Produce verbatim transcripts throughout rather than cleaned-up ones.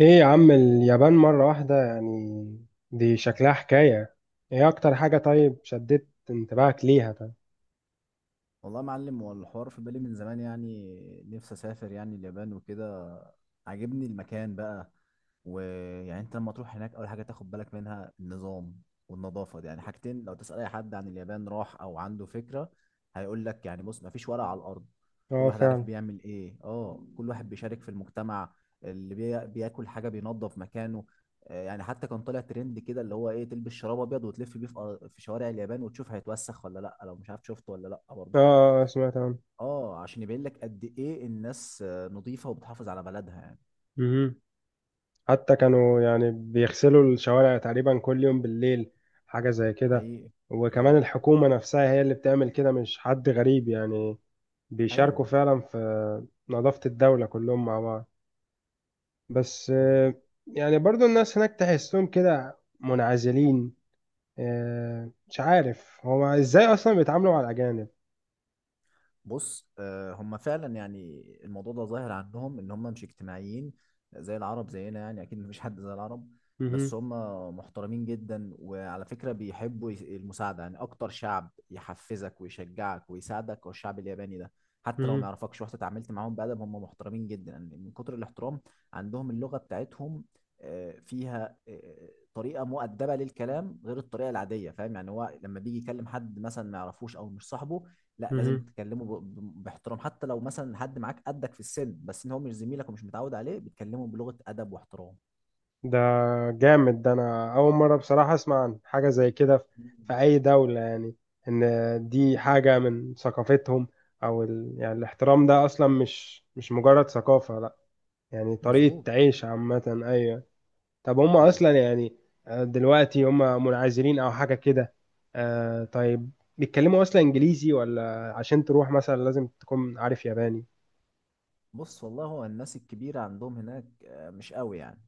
ايه يا عم اليابان مرة واحدة يعني؟ دي شكلها حكاية. ايه اكتر حاجة طيب شدت انتباهك ليها طيب؟ والله يا معلم، هو الحوار في بالي من زمان، يعني نفسي اسافر يعني اليابان وكده. عاجبني المكان بقى. ويعني انت لما تروح هناك اول حاجه تاخد بالك منها النظام والنظافه، دي يعني حاجتين. لو تسال اي حد عن اليابان راح او عنده فكره هيقول لك، يعني بص، ما فيش ورق على الارض. كل اه واحد عارف فعلا. بيعمل ايه. اه، كل واحد بيشارك في المجتمع. اللي بي... بياكل حاجه بينظف مكانه. آه، يعني حتى كان طالع ترند كده، اللي هو ايه، تلبس شراب ابيض وتلف بيه في أر- في شوارع اليابان وتشوف هيتوسخ ولا لا. لو مش عارف شفته ولا لا برضه. اه، آه، سمعت عنه. اه، عشان يبين لك قد ايه الناس آه، نظيفة وبتحافظ على بلدها يعني. مهم. حتى كانوا يعني بيغسلوا الشوارع تقريبا كل يوم بالليل، حاجة زي كده. حقيقي. وكمان حقيقي. الحكومة نفسها هي اللي بتعمل كده، مش حد غريب يعني. بيشاركوا ايوه. فعلا في نظافة الدولة كلهم مع بعض. بس، آه، مظبوط. يعني برضو الناس هناك تحسهم كده منعزلين. آه، مش عارف هو ازاي اصلا بيتعاملوا مع الاجانب. بص، آه، هم فعلا، يعني الموضوع ده ظاهر عنهم ان هم مش اجتماعيين زي العرب، زينا يعني، اكيد مفيش حد زي العرب. بس مهم، هم محترمين جدا، وعلى فكرة بيحبوا يس- المساعدة. يعني اكتر شعب يحفزك ويشجعك ويساعدك هو الشعب الياباني ده. حتى لو ما مهم، يعرفكش، رحت اتعاملت معاهم بأدب، هم محترمين جدا. يعني من كتر الاحترام عندهم اللغة بتاعتهم آه، فيها آه، طريقة مؤدبة للكلام غير الطريقة العادية، فاهم يعني. هو لما بيجي يكلم حد مثلا ما يعرفوش او مش صاحبه، لا، لازم مهم. تكلمه ب- ب- باحترام. حتى لو مثلا حد معاك قدك في السن، بس ان هو مش زميلك ومش متعود عليه، بتكلمه بلغة ادب واحترام. ده جامد، ده انا اول مره بصراحه اسمع عن حاجه زي كده في مم. في اي دوله يعني، ان دي حاجه من ثقافتهم. او ال... يعني الاحترام ده اصلا مش مش مجرد ثقافه، لا. يعني مظبوط. طريقه عيش عامه، ايوه. طب هم اصلا حقيقي. يعني، آه، دلوقتي هم منعزلين او حاجه كده. آه، طيب. بيتكلموا اصلا انجليزي ولا عشان تروح مثلا لازم تكون عارف ياباني؟ بص والله، هو الناس الكبيرة عندهم هناك آه، مش قوي يعني،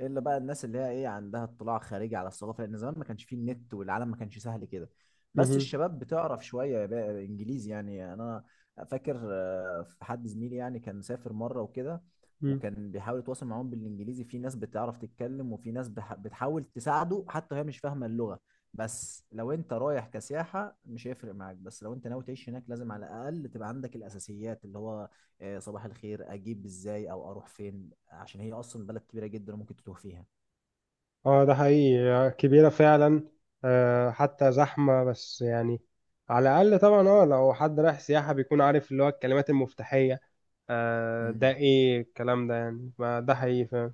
الا بقى الناس اللي هي ايه، عندها اطلاع خارجي على الثقافه، لان زمان ما كانش فيه النت والعالم ما كانش سهل كده. بس مهم. الشباب بتعرف شويه بقى انجليزي يعني. يعني انا فاكر آه، في حد زميلي يعني كان سافر مره وكده، مم. وكان بيحاول يتواصل معاهم بالانجليزي، في ناس بتعرف تتكلم وفي ناس بح- بتحاول تساعده حتى وهي مش فاهمه اللغه. بس لو انت رايح كسياحه مش هيفرق معاك، بس لو انت ناوي تعيش هناك لازم على الاقل تبقى عندك الاساسيات، اللي هو آه، صباح الخير، اجيب ازاي او اروح فين، عشان هي اصلا بلد كبيره جدا وممكن تتوه فيها. اه ده حقيقي، كبيرة فعلا. آه حتى زحمة بس يعني. على الأقل طبعا اه لو حد رايح سياحة بيكون عارف اللي هو الكلمات المفتاحية. آه ده امم ايه الكلام ده يعني؟ ما ده حقيقي فعلا.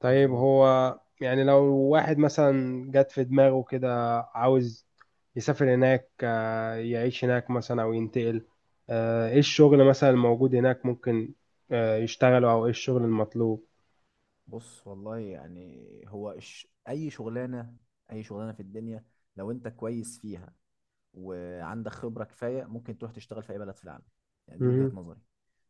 طيب مظبوط. هو يعني لو واحد مثلا جات في دماغه كده عاوز يسافر هناك، آه يعيش هناك مثلا أو ينتقل، آه ايه الشغل مثلا الموجود هناك ممكن آه يشتغله، أو ايه الشغل المطلوب؟ بص والله، يعني هو الش... اي شغلانه، اي شغلانه في الدنيا، لو انت كويس فيها وعندك خبره كفايه، ممكن تروح تشتغل في اي بلد في العالم. يعني دي وجهه مهم. نظري.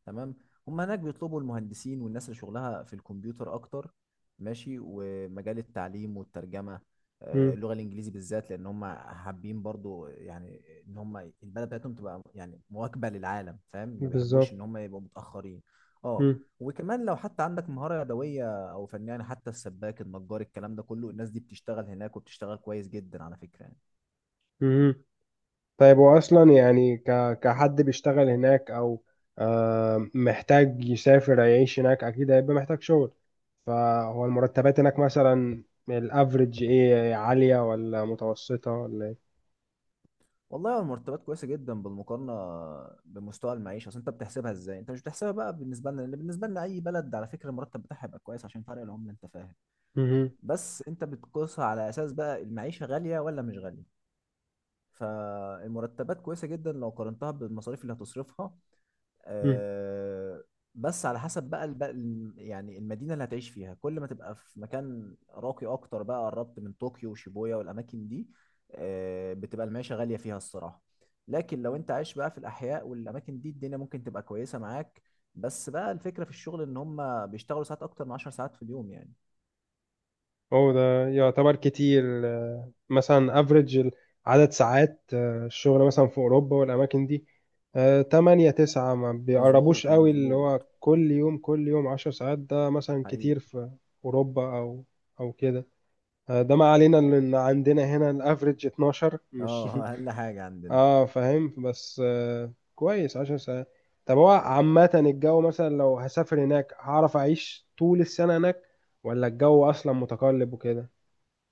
تمام. هم هناك بيطلبوا المهندسين والناس اللي شغلها في الكمبيوتر اكتر. ماشي. ومجال التعليم والترجمه آه، مم. اللغه الانجليزي بالذات، لان هم حابين برضو يعني ان هم البلد بتاعتهم تبقى يعني مواكبه للعالم، فاهم. ما بيحبوش بالظبط. ان هم يبقوا متاخرين. اه. مم. وكمان لو حتى عندك مهاره يدويه او فن يعني، حتى السباك، النجار، الكلام ده كله، الناس دي بتشتغل هناك وبتشتغل كويس جدا على فكره. مم. طيب هو اصلا يعني ك... كحد بيشتغل هناك، او آه محتاج يسافر يعيش هناك، اكيد هيبقى محتاج شغل. فهو المرتبات هناك مثلا، الافريج ايه، عالية ولا متوسطة ولا ايه؟ والله هو المرتبات كويسه جدا بالمقارنه بمستوى المعيشه. اصل انت بتحسبها ازاي؟ انت مش بتحسبها بقى بالنسبه لنا، لان بالنسبه لنا اي بلد على فكره المرتب بتاعها يبقى كويس عشان فرق العمله، انت فاهم. مم. بس انت بتقيسها على اساس بقى المعيشه غاليه ولا مش غاليه. فالمرتبات كويسة جدا لو قارنتها بالمصاريف اللي هتصرفها. مم. آه، بس على حسب بقى الب... ال- يعني المدينة اللي هتعيش فيها. كل ما تبقى في مكان راقي أكتر، بقى قربت من طوكيو وشيبويا والأماكن دي، آه، بتبقى المعيشة غالية فيها الصراحة. لكن لو أنت عايش بقى في الأحياء والأماكن دي، الدنيا ممكن تبقى كويسة معاك. بس بقى الفكرة في الشغل، إن هم بيشتغلوا ساعات أكتر من عشر ساعات في اليوم يعني. هو ده يعتبر كتير آه، مثلا افريج عدد ساعات آه، الشغل مثلا في اوروبا والاماكن دي؟ آه، تمانية تسعة ما مظبوط بيقربوش قوي، اللي مظبوط. هو كل يوم كل يوم عشر ساعات ده مثلا حقيقي. كتير في اوروبا، او او كده. آه، ده ما علينا، ان عندنا هنا الافريج اثنا عشر مش اه أقل حاجة عندنا. اه، فاهم، بس آه، كويس عشر ساعات. طب هو عامة الجو مثلا لو هسافر هناك هعرف اعيش طول السنة هناك، ولا الجو اصلا متقلب وكده؟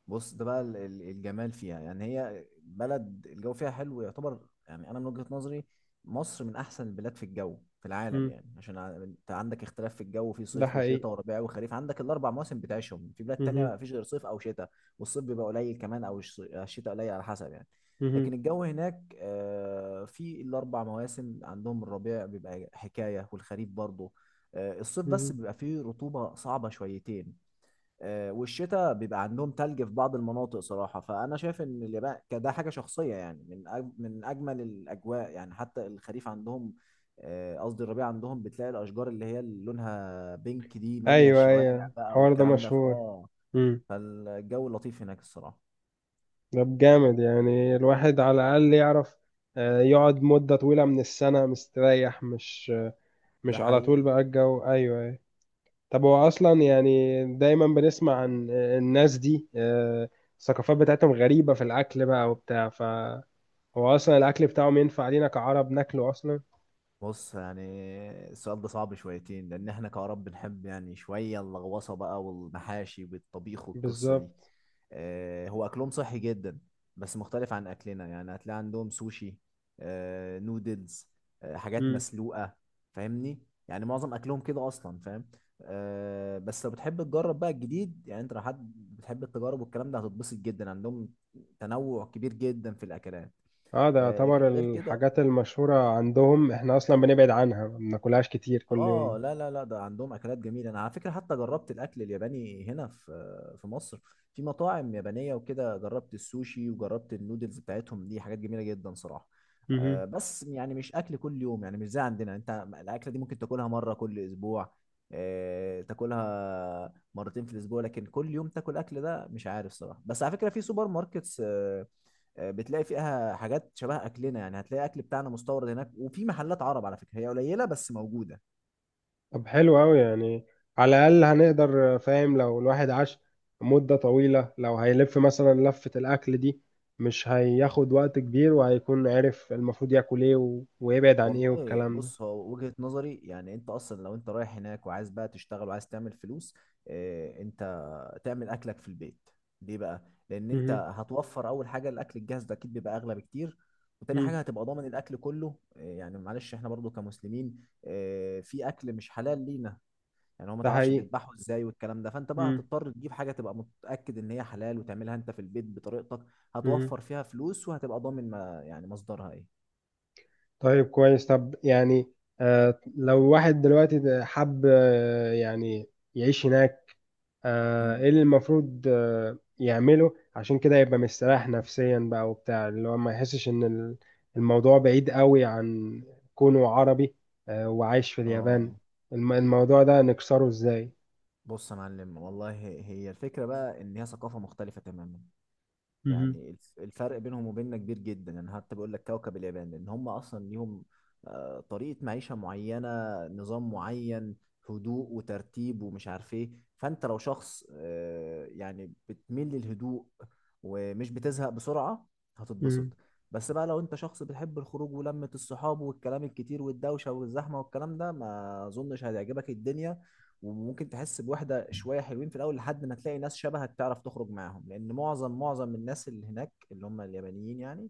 بص، ده بقى ال- ال- الجمال فيها. يعني هي بلد الجو فيها حلو يعتبر. يعني انا من وجهة نظري مصر من احسن البلاد في الجو في العالم، يعني عشان ع- انت عندك اختلاف في الجو، في ده صيف حقيقي. وشتاء وربيع وخريف، عندك الاربع مواسم بتعيشهم. في بلاد تانية مهم. ما فيش غير صيف او شتاء، والصيف بيبقى قليل كمان او الش- الشتاء قليل، على حسب يعني. لكن مهم. الجو هناك آه، في الاربع مواسم عندهم. الربيع بيبقى حكاية والخريف برضه. آه، الصيف بس مهم. بيبقى فيه رطوبة صعبة شويتين. آه، والشتاء بيبقى عندهم تلج في بعض المناطق صراحة. فأنا شايف إن اليابان كده، حاجة شخصية يعني، من أج- من أجمل الأجواء يعني. حتى الخريف عندهم، آه، قصدي الربيع عندهم، بتلاقي الأشجار اللي هي اللي لونها بينك دي مالية ايوه، الشوارع ايوه، بقى الحوار ده والكلام ده ف- مشهور. آه مم. فالجو لطيف هناك الصراحة. ده جامد، يعني الواحد على الاقل يعرف آه، يقعد مده طويله من السنه مستريح، مش مش ده على طول حقيقي. بقى الجو، ايوه، أيوة. طب هو اصلا يعني دايما بنسمع عن آه، الناس دي، آه، الثقافات بتاعتهم غريبه في الاكل بقى وبتاع، فهو اصلا الاكل بتاعهم ينفع لينا كعرب ناكله اصلا؟ بص يعني، السؤال ده صعب شويتين، لان احنا كعرب بنحب يعني شويه اللغوصه بقى والمحاشي والطبيخ والقصه دي. بالظبط. آه، هو اكلهم صحي جدا بس مختلف عن اكلنا. يعني هتلاقي عندهم سوشي، آه، نودلز، آه، حاجات مسلوقه، فاهمني. يعني معظم اكلهم كده اصلا، فاهم. آه، بس لو بتحب تجرب بقى الجديد، يعني انت لو حد بتحب التجارب والكلام ده هتتبسط جدا عندهم. تنوع كبير جدا في الاكلات. اه، ده آه، لكن يعتبر غير كده، الحاجات المشهورة عندهم احنا اصلا بنبعد عنها، ما بناكلهاش كتير كل اه يوم. لا لا لا، ده عندهم اكلات جميله. انا على فكره حتى جربت الاكل الياباني هنا في في مصر، في مطاعم يابانيه وكده. جربت السوشي وجربت النودلز بتاعتهم دي، حاجات جميله جدا صراحه. مهم. آه بس يعني مش اكل كل يوم، يعني مش زي عندنا. انت الاكله دي ممكن تاكلها مره كل اسبوع، آه تاكلها مرتين في الاسبوع، لكن كل يوم تاكل اكل ده مش عارف صراحه. بس على فكره في سوبر ماركتس آه آه، بتلاقي فيها حاجات شبه اكلنا. يعني هتلاقي اكل بتاعنا مستورد هناك، وفي محلات عرب على فكره، هي قليله بس موجوده. طب حلو أوي يعني، على الأقل هنقدر فاهم لو الواحد عاش مدة طويلة، لو هيلف مثلا لفة الأكل دي مش هياخد وقت كبير، وهيكون عارف المفروض ياكل ايه و... ويبعد عن ايه والله والكلام ده. بص، هو وجهة نظري، يعني انت اصلا لو انت رايح هناك وعايز بقى تشتغل وعايز تعمل فلوس، اه، انت تعمل اكلك في البيت. ليه بقى؟ لان انت مهم. هتوفر. اول حاجة الاكل الجاهز ده اكيد بيبقى اغلى بكتير، وتاني مم. حاجة هتبقى ضامن الاكل كله. اه يعني معلش، احنا برضو كمسلمين اه في اكل مش حلال لينا. يعني هو ما ده تعرفش حقيقي. بيذبحوا ازاي والكلام ده، فانت بقى مم. هتضطر تجيب حاجة تبقى متأكد ان هي حلال وتعملها انت في البيت بطريقتك. مهم. هتوفر فيها فلوس وهتبقى ضامن ما يعني مصدرها ايه. طيب كويس، طب يعني آه لو واحد دلوقتي حب آه يعني يعيش هناك، آه، مم. ايه اللي المفروض آه، يعمله عشان كده يبقى مستريح نفسيا بقى وبتاع، اللي هو ما يحسش ان ال- الموضوع بعيد قوي عن كونه عربي، آه، وعايش في اليابان، اه. الم- الموضوع ده نكسره ازاي؟ بص يا معلم والله، هي الفكرة بقى إن هي ثقافة مختلفة تماما. مهم. يعني الف- الفرق بينهم وبيننا كبير جدا. أنا حتى بقول لك كوكب اليابان، لأن هم أصلا ليهم آه، طريقة معيشة معينة، نظام معين، هدوء وترتيب ومش عارف إيه. فأنت لو شخص آه، يعني بتميل للهدوء ومش بتزهق بسرعة، هتتبسط. مهم. بس بقى لو أنت شخص بتحب الخروج ولمة الصحاب والكلام الكتير والدوشة والزحمة والكلام ده، ما أظنش هتعجبك الدنيا. وممكن تحس بوحدة شوية، حلوين في الأول لحد ما تلاقي ناس شبهك تعرف تخرج معاهم، لأن معظم معظم الناس اللي هناك اللي هم اليابانيين يعني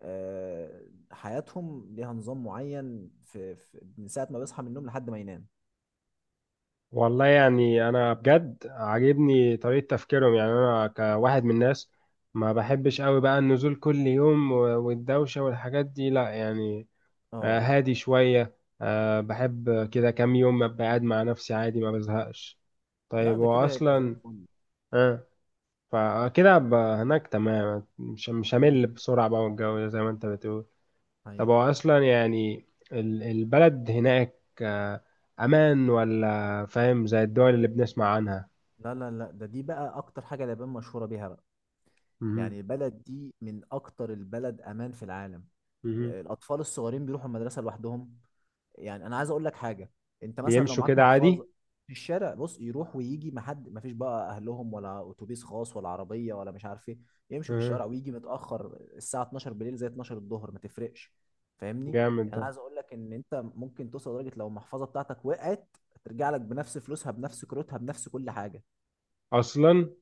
آه، حياتهم ليها نظام معين في, في من ساعة ما بيصحى من النوم لحد ما ينام. والله يعني انا بجد عاجبني طريقة تفكيرهم، يعني انا كواحد من الناس ما بحبش قوي بقى النزول كل يوم و- والدوشة والحاجات دي، لا يعني. آه، اه هادي شوية. آه، بحب كده كام يوم أبقى قاعد مع نفسي عادي ما بزهقش. لا، طيب ده هو كده هيبقى زي أصلا، الفل. آه فكده أبقى هناك تمام، مش مش مم. همل بسرعة بقى، والجو ده زي ما أنت بتقول. طب هي، هو أصلا يعني ال- البلد هناك آه، أمان ولا فاهم زي الدول اللي بنسمع عنها؟ لا لا لا، ده دي بقى أكتر حاجة اليابان مشهورة بيها بقى. مهم. يعني البلد دي من أكتر البلد أمان في العالم. مهم. الأطفال الصغيرين بيروحوا المدرسة لوحدهم. يعني انا عايز اقول لك حاجه، انت مثلا لو بيمشوا معاك كده محفظه عادي. في الشارع، بص، يروح ويجي، ما حد، ما فيش بقى اهلهم ولا اتوبيس خاص ولا عربيه ولا مش عارف ايه. يمشوا في مهم. الشارع ويجي متاخر الساعه اتناشر بالليل، زي اتناشر الظهر ما تفرقش. فاهمني؟ جامد يعني ده. انا عايز اقول لك ان انت ممكن توصل لدرجه لو المحفظه بتاعتك وقعت ترجع لك بنفس فلوسها، بنفس كروتها، بنفس كل حاجه. أصلا.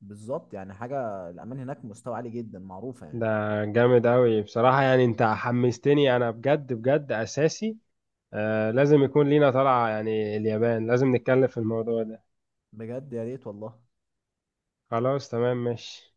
بالظبط، يعني حاجه الامان هناك مستوى عالي جدا، معروفه ده يعني. جامد أوي بصراحة، يعني أنت حمستني، أنا بجد، بجد أساسي. آه لازم يكون لينا طلعة يعني اليابان، لازم نتكلم في الموضوع ده. بجد يا ريت والله. خلاص، تمام، ماشي.